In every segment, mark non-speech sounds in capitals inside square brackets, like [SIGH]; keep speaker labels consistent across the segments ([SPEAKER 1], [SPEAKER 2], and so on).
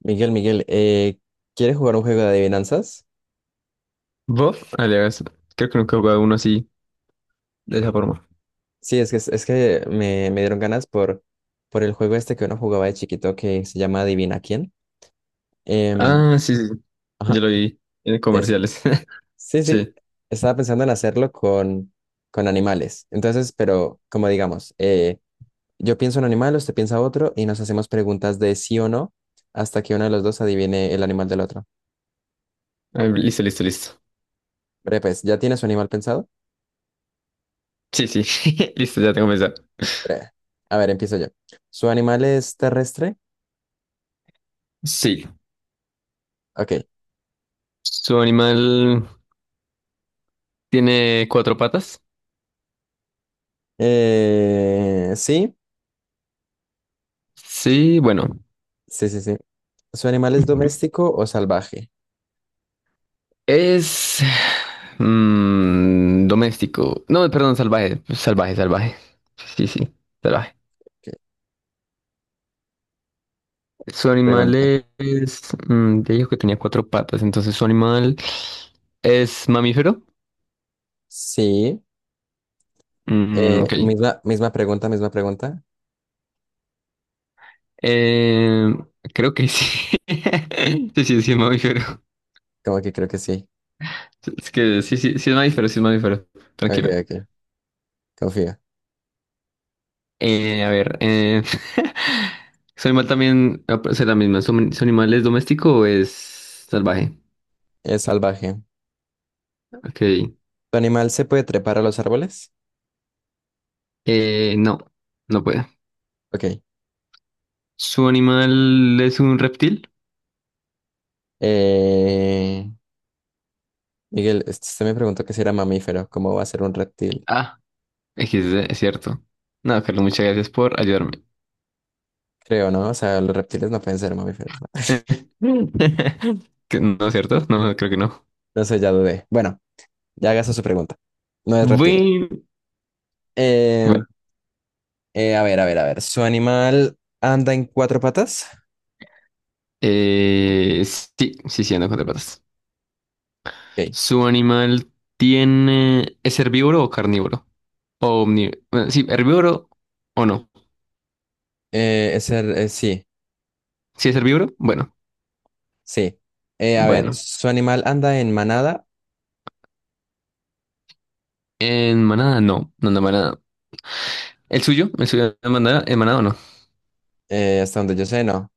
[SPEAKER 1] Miguel, Miguel, ¿quieres jugar un juego de adivinanzas?
[SPEAKER 2] ¿Vos? Alias, creo que nunca he jugado uno así, de esa forma.
[SPEAKER 1] Sí, es que me dieron ganas por el juego este que uno jugaba de chiquito que se llama Adivina quién. Em,
[SPEAKER 2] Ah, sí, sí.
[SPEAKER 1] ajá,
[SPEAKER 2] Yo lo vi en
[SPEAKER 1] eso.
[SPEAKER 2] comerciales. [LAUGHS]
[SPEAKER 1] Sí, sí.
[SPEAKER 2] Sí.
[SPEAKER 1] Estaba pensando en hacerlo con animales. Entonces, pero como digamos, yo pienso un animal, usted piensa otro y nos hacemos preguntas de sí o no hasta que uno de los dos adivine el animal del otro.
[SPEAKER 2] Ah, listo, listo, listo.
[SPEAKER 1] Breve, pues, ¿ya tiene su animal pensado?
[SPEAKER 2] Sí, sí. [LAUGHS] Listo, ya tengo pensado.
[SPEAKER 1] Breve. A ver, empiezo yo. ¿Su animal es terrestre?
[SPEAKER 2] Sí.
[SPEAKER 1] Ok.
[SPEAKER 2] ¿Su animal tiene cuatro patas?
[SPEAKER 1] Sí,
[SPEAKER 2] Sí, bueno.
[SPEAKER 1] sí. ¿Su animal es
[SPEAKER 2] [LAUGHS]
[SPEAKER 1] doméstico o salvaje?
[SPEAKER 2] Es doméstico. No, perdón, salvaje. Salvaje, salvaje. Sí, sí, salvaje.
[SPEAKER 1] Que
[SPEAKER 2] Su animal
[SPEAKER 1] Pregunta.
[SPEAKER 2] es. Te dijo que tenía cuatro patas, entonces su animal es mamífero.
[SPEAKER 1] Sí.
[SPEAKER 2] Mm,
[SPEAKER 1] Eh,
[SPEAKER 2] ok.
[SPEAKER 1] misma, misma pregunta, misma pregunta.
[SPEAKER 2] Eh, Creo que sí. [LAUGHS] Sí, sí, sí, es mamífero.
[SPEAKER 1] Como que creo que sí.
[SPEAKER 2] Es que sí, sí, sí es mamífero, sí es mamífero.
[SPEAKER 1] Ok,
[SPEAKER 2] Tranquilo.
[SPEAKER 1] ok. Confío.
[SPEAKER 2] Eh, a ver, eh, [LAUGHS] ¿Su animal también, ah, o sea, la misma, ¿su animal es doméstico o es salvaje?
[SPEAKER 1] Es salvaje.
[SPEAKER 2] Ok.
[SPEAKER 1] ¿Tu animal se puede trepar a los árboles?
[SPEAKER 2] No, no puede.
[SPEAKER 1] Ok.
[SPEAKER 2] ¿Su animal es un reptil?
[SPEAKER 1] Eh, Miguel, usted me preguntó que si era mamífero. ¿Cómo va a ser un reptil?
[SPEAKER 2] Ah, XD, es cierto. No, Carlos, muchas gracias por ayudarme.
[SPEAKER 1] Creo, ¿no? O sea, los reptiles no pueden ser mamíferos, ¿no? [LAUGHS]
[SPEAKER 2] [LAUGHS] No, ¿cierto? No, creo que no.
[SPEAKER 1] No sé, ya dudé. Bueno, ya hagas su pregunta. No es reptil.
[SPEAKER 2] Bueno.
[SPEAKER 1] Em, a ver, a ver. ¿Su animal anda en cuatro patas?
[SPEAKER 2] Sí, sí, sí, anda con cuatro patas.
[SPEAKER 1] Ok.
[SPEAKER 2] ¿Su animal tiene? ¿Es herbívoro o carnívoro? O omni, bueno, sí, herbívoro o no.
[SPEAKER 1] Sí,
[SPEAKER 2] Si es herbívoro, bueno,
[SPEAKER 1] sí. A ver,
[SPEAKER 2] bueno.
[SPEAKER 1] ¿su animal anda en manada?
[SPEAKER 2] En manada, no, no anda en manada. ¿El suyo? ¿El suyo anda en manada o no?
[SPEAKER 1] Hasta donde yo sé, no.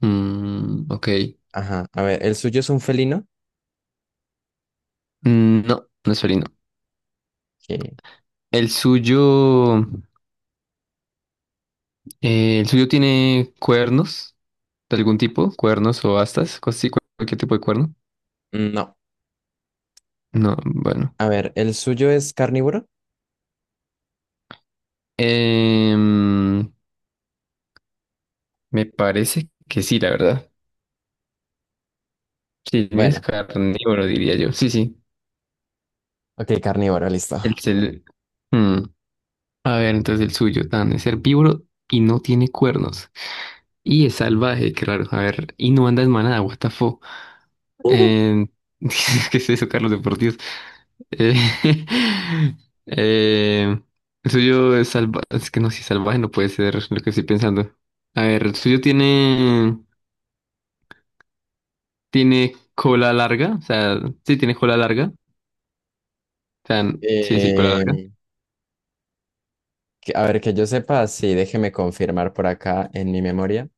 [SPEAKER 2] Mm, ok.
[SPEAKER 1] Ajá. A ver, ¿el suyo es un felino?
[SPEAKER 2] Mm, no, no es felino.
[SPEAKER 1] Ok.
[SPEAKER 2] ¿El suyo... ¿el suyo tiene cuernos de algún tipo? ¿Cuernos o astas? Cosas así, cualquier tipo de cuerno.
[SPEAKER 1] No.
[SPEAKER 2] No, bueno.
[SPEAKER 1] A ver, ¿el suyo es carnívoro?
[SPEAKER 2] Em, Me parece que sí, la verdad. Sí, el mío es
[SPEAKER 1] Bueno,
[SPEAKER 2] carnívoro, diría yo. Sí, sí.
[SPEAKER 1] ok, carnívoro, listo.
[SPEAKER 2] El, cel- mm. A ver, entonces el suyo, tan es herbívoro y no tiene cuernos. Y es salvaje, claro. A ver, y no anda en manada, what the fuck.
[SPEAKER 1] [LAUGHS]
[SPEAKER 2] Eh, [LAUGHS] ¿Qué es eso, Carlos, de por Dios? Eh, [LAUGHS] eh, el suyo es salvaje. Es que no, si es salvaje no puede ser lo que estoy pensando. A ver, el suyo tiene cola larga. O sea, sí, tiene cola larga. O sea, sí, sí, cola larga.
[SPEAKER 1] Eh, a ver, que yo sepa, sí, déjeme confirmar por acá en mi memoria.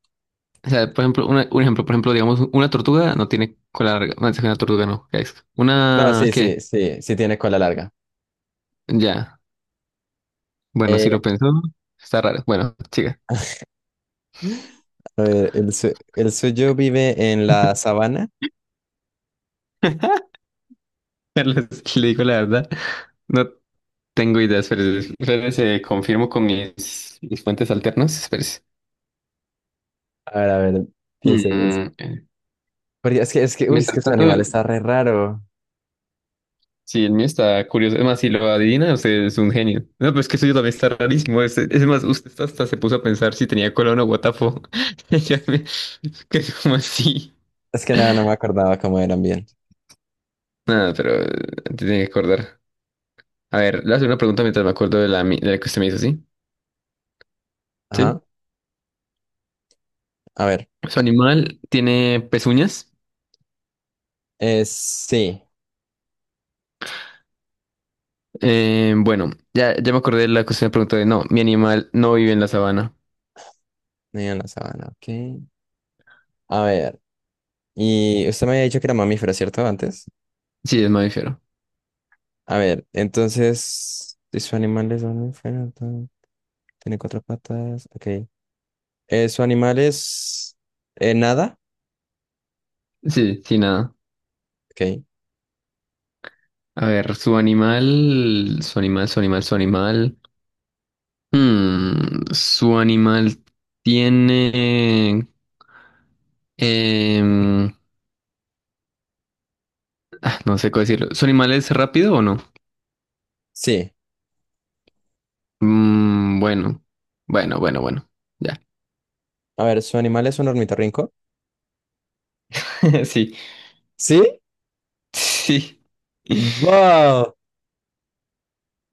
[SPEAKER 2] O sea, por ejemplo, un ejemplo, por ejemplo, digamos, una tortuga no tiene cola larga. Una tortuga no. ¿Qué es?
[SPEAKER 1] No,
[SPEAKER 2] Una,
[SPEAKER 1] sí,
[SPEAKER 2] ¿qué?
[SPEAKER 1] sí, sí, sí tiene cola larga.
[SPEAKER 2] Ya. Bueno, si
[SPEAKER 1] Eh,
[SPEAKER 2] lo pensó, está raro. Bueno, siga.
[SPEAKER 1] a ver, ¿el suyo vive en la sabana?
[SPEAKER 2] [LAUGHS] Le digo la verdad. No tengo ideas, pero confirmo con mis fuentes alternas. Espérese.
[SPEAKER 1] A ver, piense, piense.
[SPEAKER 2] Mm, eh,
[SPEAKER 1] Porque es que, uy, es que
[SPEAKER 2] Mientras
[SPEAKER 1] su
[SPEAKER 2] tanto,
[SPEAKER 1] animal está re raro.
[SPEAKER 2] sí, el mío está curioso. Es más, si lo adivina, usted es un genio. No, pero es que eso yo también está rarísimo. Es más, usted hasta se puso a pensar si tenía cola o guatafo. [LAUGHS] Ya me- ¿Que como así?
[SPEAKER 1] Es que nada, no me acordaba cómo eran bien.
[SPEAKER 2] Nada, pero te tiene que acordar. A ver, le hace una pregunta mientras me acuerdo de de la que usted me hizo, ¿sí?
[SPEAKER 1] Ajá,
[SPEAKER 2] Sí.
[SPEAKER 1] a ver.
[SPEAKER 2] ¿Su animal tiene pezuñas?
[SPEAKER 1] Sí,
[SPEAKER 2] Bueno, ya me acordé de la que usted me preguntó de no, mi animal no vive en la sabana.
[SPEAKER 1] niño en la sabana, ok. A ver, y usted me había dicho que era mamífero, ¿cierto? Antes.
[SPEAKER 2] Sí, es mamífero.
[SPEAKER 1] A ver, entonces, si su animal es mamífero, tiene cuatro patas, ok. Su animal es... nada,
[SPEAKER 2] Sí, sí, nada.
[SPEAKER 1] ok.
[SPEAKER 2] A ver, su animal. Su animal tiene. em, no sé cómo decirlo. ¿Su animal es rápido o no?
[SPEAKER 1] Sí.
[SPEAKER 2] Mm, bueno, bueno, bueno, bueno. Ya.
[SPEAKER 1] A ver, su animal es un ornitorrinco.
[SPEAKER 2] [LAUGHS] Sí,
[SPEAKER 1] ¿Sí?
[SPEAKER 2] sí.
[SPEAKER 1] ¡Wow!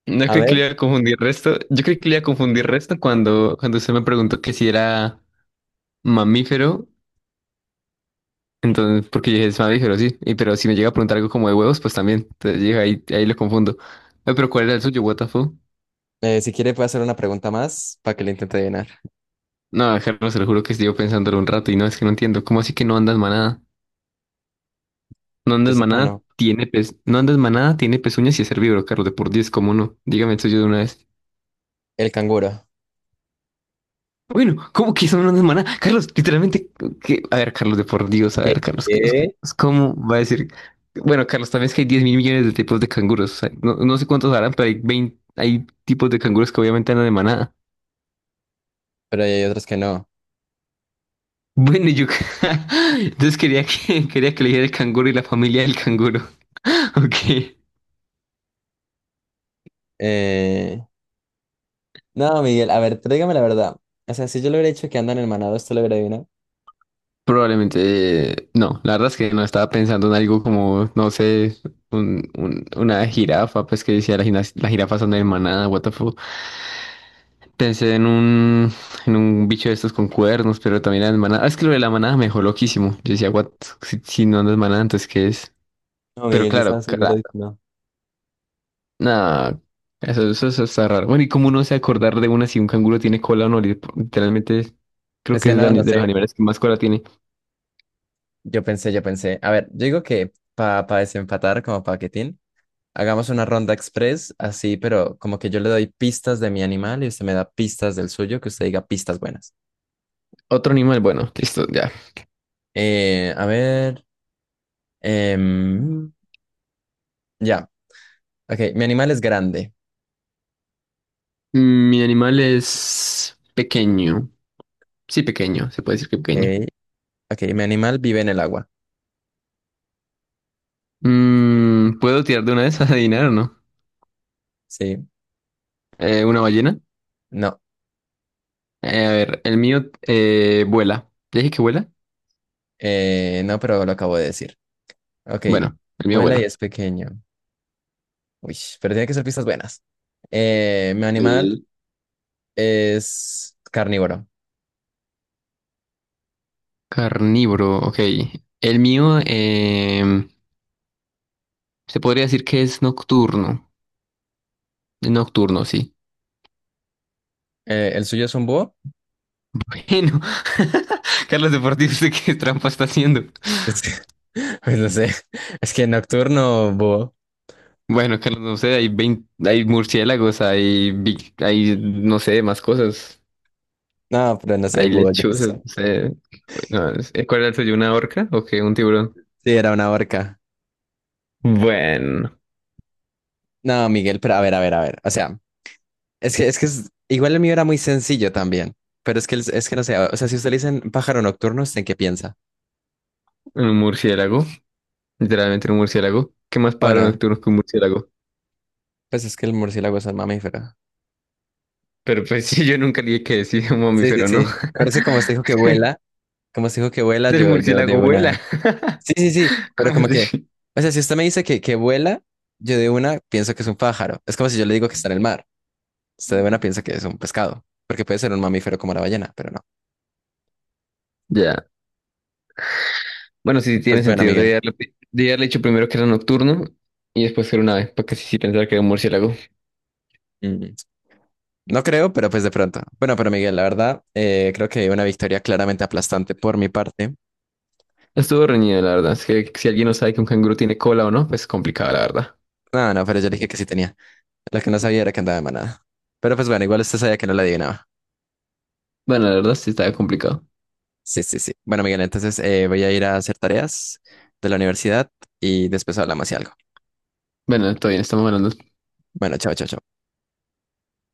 [SPEAKER 2] No
[SPEAKER 1] A
[SPEAKER 2] creo que
[SPEAKER 1] ver.
[SPEAKER 2] le iba a confundir resto. Yo creo que le iba a confundir resto cuando usted me preguntó que si era mamífero. Entonces, porque yo dije, es mamífero, sí. Y, pero si me llega a preguntar algo como de huevos, pues también. Entonces, llega ahí, ahí lo confundo. Ay, pero ¿cuál era el suyo? What the fuck?
[SPEAKER 1] Si quiere, puede hacer una pregunta más para que le intente adivinar.
[SPEAKER 2] No, Carlos, te lo juro que estuve pensándolo un rato y no, es que no entiendo. ¿Cómo así que no andas manada? No
[SPEAKER 1] Yo
[SPEAKER 2] andas
[SPEAKER 1] sepa,
[SPEAKER 2] manada,
[SPEAKER 1] no.
[SPEAKER 2] tiene pez, no andas manada, tiene pezuñas y es herbívoro, Carlos, de por Dios, ¿cómo no? Dígame eso yo de una vez.
[SPEAKER 1] El canguro.
[SPEAKER 2] Bueno, ¿cómo que eso no andas manada? Carlos, literalmente, ¿qué? A ver, Carlos, de por Dios, a
[SPEAKER 1] Sí.
[SPEAKER 2] ver, Carlos, Carlos,
[SPEAKER 1] Eh,
[SPEAKER 2] Carlos, ¿cómo va a decir? Bueno, Carlos, también es que hay 10.000.000.000 de tipos de canguros, o sea, no, no sé cuántos harán, pero hay 20, hay tipos de canguros que obviamente andan de manada.
[SPEAKER 1] Pero hay otros que no.
[SPEAKER 2] Bueno, y yo [LAUGHS] entonces quería que le dijera el canguro y la familia del canguro, [LAUGHS] ok.
[SPEAKER 1] Eh, No, Miguel, a ver, tráigame la verdad. O sea, si yo le hubiera dicho que andan en manado, ¿esto lo hubiera adivinado?
[SPEAKER 2] Probablemente, no, la verdad es que no estaba pensando en algo como, no sé, una jirafa, pues que decía la jirafa son de manada, what the fuck. Pensé en un bicho de estos con cuernos, pero también era de manada. Ah, es que lo de la manada me dejó loquísimo. Yo decía, what, si no, no es manada, entonces ¿qué es?
[SPEAKER 1] No,
[SPEAKER 2] Pero
[SPEAKER 1] Miguel, yo estaba
[SPEAKER 2] claro,
[SPEAKER 1] seguro
[SPEAKER 2] cara,
[SPEAKER 1] de que no.
[SPEAKER 2] nada, eso está raro. Bueno, ¿y cómo uno se acordar de una si un canguro tiene cola o no? Literalmente, creo
[SPEAKER 1] Es
[SPEAKER 2] que
[SPEAKER 1] que
[SPEAKER 2] es de
[SPEAKER 1] no, no
[SPEAKER 2] de los
[SPEAKER 1] sé.
[SPEAKER 2] animales que más cola tiene.
[SPEAKER 1] Yo pensé. A ver, yo digo que para desempatar, como paquetín, hagamos una ronda express, así, pero como que yo le doy pistas de mi animal y usted me da pistas del suyo, que usted diga pistas buenas.
[SPEAKER 2] Otro animal, bueno, listo, ya.
[SPEAKER 1] A ver. Em, ya. Ok, mi animal es grande.
[SPEAKER 2] Mi animal es pequeño. Sí, pequeño, se puede decir que pequeño.
[SPEAKER 1] Ok, ok, mi animal vive en el agua.
[SPEAKER 2] ¿Puedo tirar de una vez a adivinar o no?
[SPEAKER 1] Sí,
[SPEAKER 2] ¿Una ballena?
[SPEAKER 1] no,
[SPEAKER 2] A ver, el mío vuela. ¿Ya dije que vuela?
[SPEAKER 1] no, pero lo acabo de decir. Ok,
[SPEAKER 2] Bueno, el mío
[SPEAKER 1] vuela y
[SPEAKER 2] vuela.
[SPEAKER 1] es pequeño. Uy, pero tiene que ser pistas buenas. Mi animal
[SPEAKER 2] Sí.
[SPEAKER 1] es carnívoro.
[SPEAKER 2] Carnívoro, ok. El mío se podría decir que es nocturno. Es nocturno, sí.
[SPEAKER 1] ¿El suyo es un búho?
[SPEAKER 2] Bueno, [LAUGHS] Carlos Deportivo, ¿usted qué trampa está haciendo?
[SPEAKER 1] [LAUGHS] Es que- Pues no sé, es que nocturno búho.
[SPEAKER 2] Bueno, Carlos, no sé, hay 20, hay murciélagos, hay, no sé, más cosas.
[SPEAKER 1] No, pero no sé,
[SPEAKER 2] Hay
[SPEAKER 1] búho, yo qué
[SPEAKER 2] lechuzas, no
[SPEAKER 1] sé.
[SPEAKER 2] sé. No, ¿cuál era el suyo? ¿Una orca o qué? ¿Un tiburón?
[SPEAKER 1] Sí, era una orca.
[SPEAKER 2] Bueno,
[SPEAKER 1] No, Miguel, pero a ver, a ver. O sea. Igual el mío era muy sencillo también, pero es que no sé, o sea, si usted le dicen pájaro nocturno, ¿usted en qué piensa?
[SPEAKER 2] un murciélago, literalmente un murciélago. ¿Qué más pájaro
[SPEAKER 1] Bueno,
[SPEAKER 2] nocturno que un murciélago?
[SPEAKER 1] pues es que el murciélago es un mamífero.
[SPEAKER 2] Pero pues [LAUGHS] sí, yo nunca le dije que decir un
[SPEAKER 1] Sí, sí,
[SPEAKER 2] mamífero, ¿no?
[SPEAKER 1] sí, pero es que como usted dijo que vuela, como usted dijo que
[SPEAKER 2] [LAUGHS]
[SPEAKER 1] vuela,
[SPEAKER 2] El
[SPEAKER 1] yo de
[SPEAKER 2] murciélago vuela.
[SPEAKER 1] una...
[SPEAKER 2] [LAUGHS]
[SPEAKER 1] Sí, sí, sí, pero
[SPEAKER 2] ¿Cómo
[SPEAKER 1] como que,
[SPEAKER 2] así?
[SPEAKER 1] o sea, si usted me dice que vuela, yo de una pienso que es un pájaro. Es como si yo le digo que está en el mar, usted de una piensa que es un pescado, porque puede ser un mamífero como la ballena, pero no.
[SPEAKER 2] Ya. Bueno, sí, sí
[SPEAKER 1] Pues
[SPEAKER 2] tiene
[SPEAKER 1] bueno,
[SPEAKER 2] sentido. Debe
[SPEAKER 1] Miguel.
[SPEAKER 2] haberle, debí haberle dicho primero que era nocturno y después que era un ave, para que sí, sí pensaba que era un murciélago.
[SPEAKER 1] Mm, no creo, pero pues de pronto. Bueno, pero Miguel, la verdad, creo que una victoria claramente aplastante por mi parte.
[SPEAKER 2] Estuvo reñido, la verdad. Es que si alguien no sabe que un canguro tiene cola o no, pues complicado, la verdad.
[SPEAKER 1] No, no, pero yo le dije que sí tenía. Lo que no sabía era que andaba de manada. Pero pues bueno, igual usted sabía que no la adivinaba.
[SPEAKER 2] Bueno, la verdad sí estaba complicado.
[SPEAKER 1] Sí, sí, sí. Bueno, Miguel, entonces voy a ir a hacer tareas de la universidad y después hablamos y algo.
[SPEAKER 2] Bueno, todo bien, estamos hablando
[SPEAKER 1] Bueno, chao, chao, chao.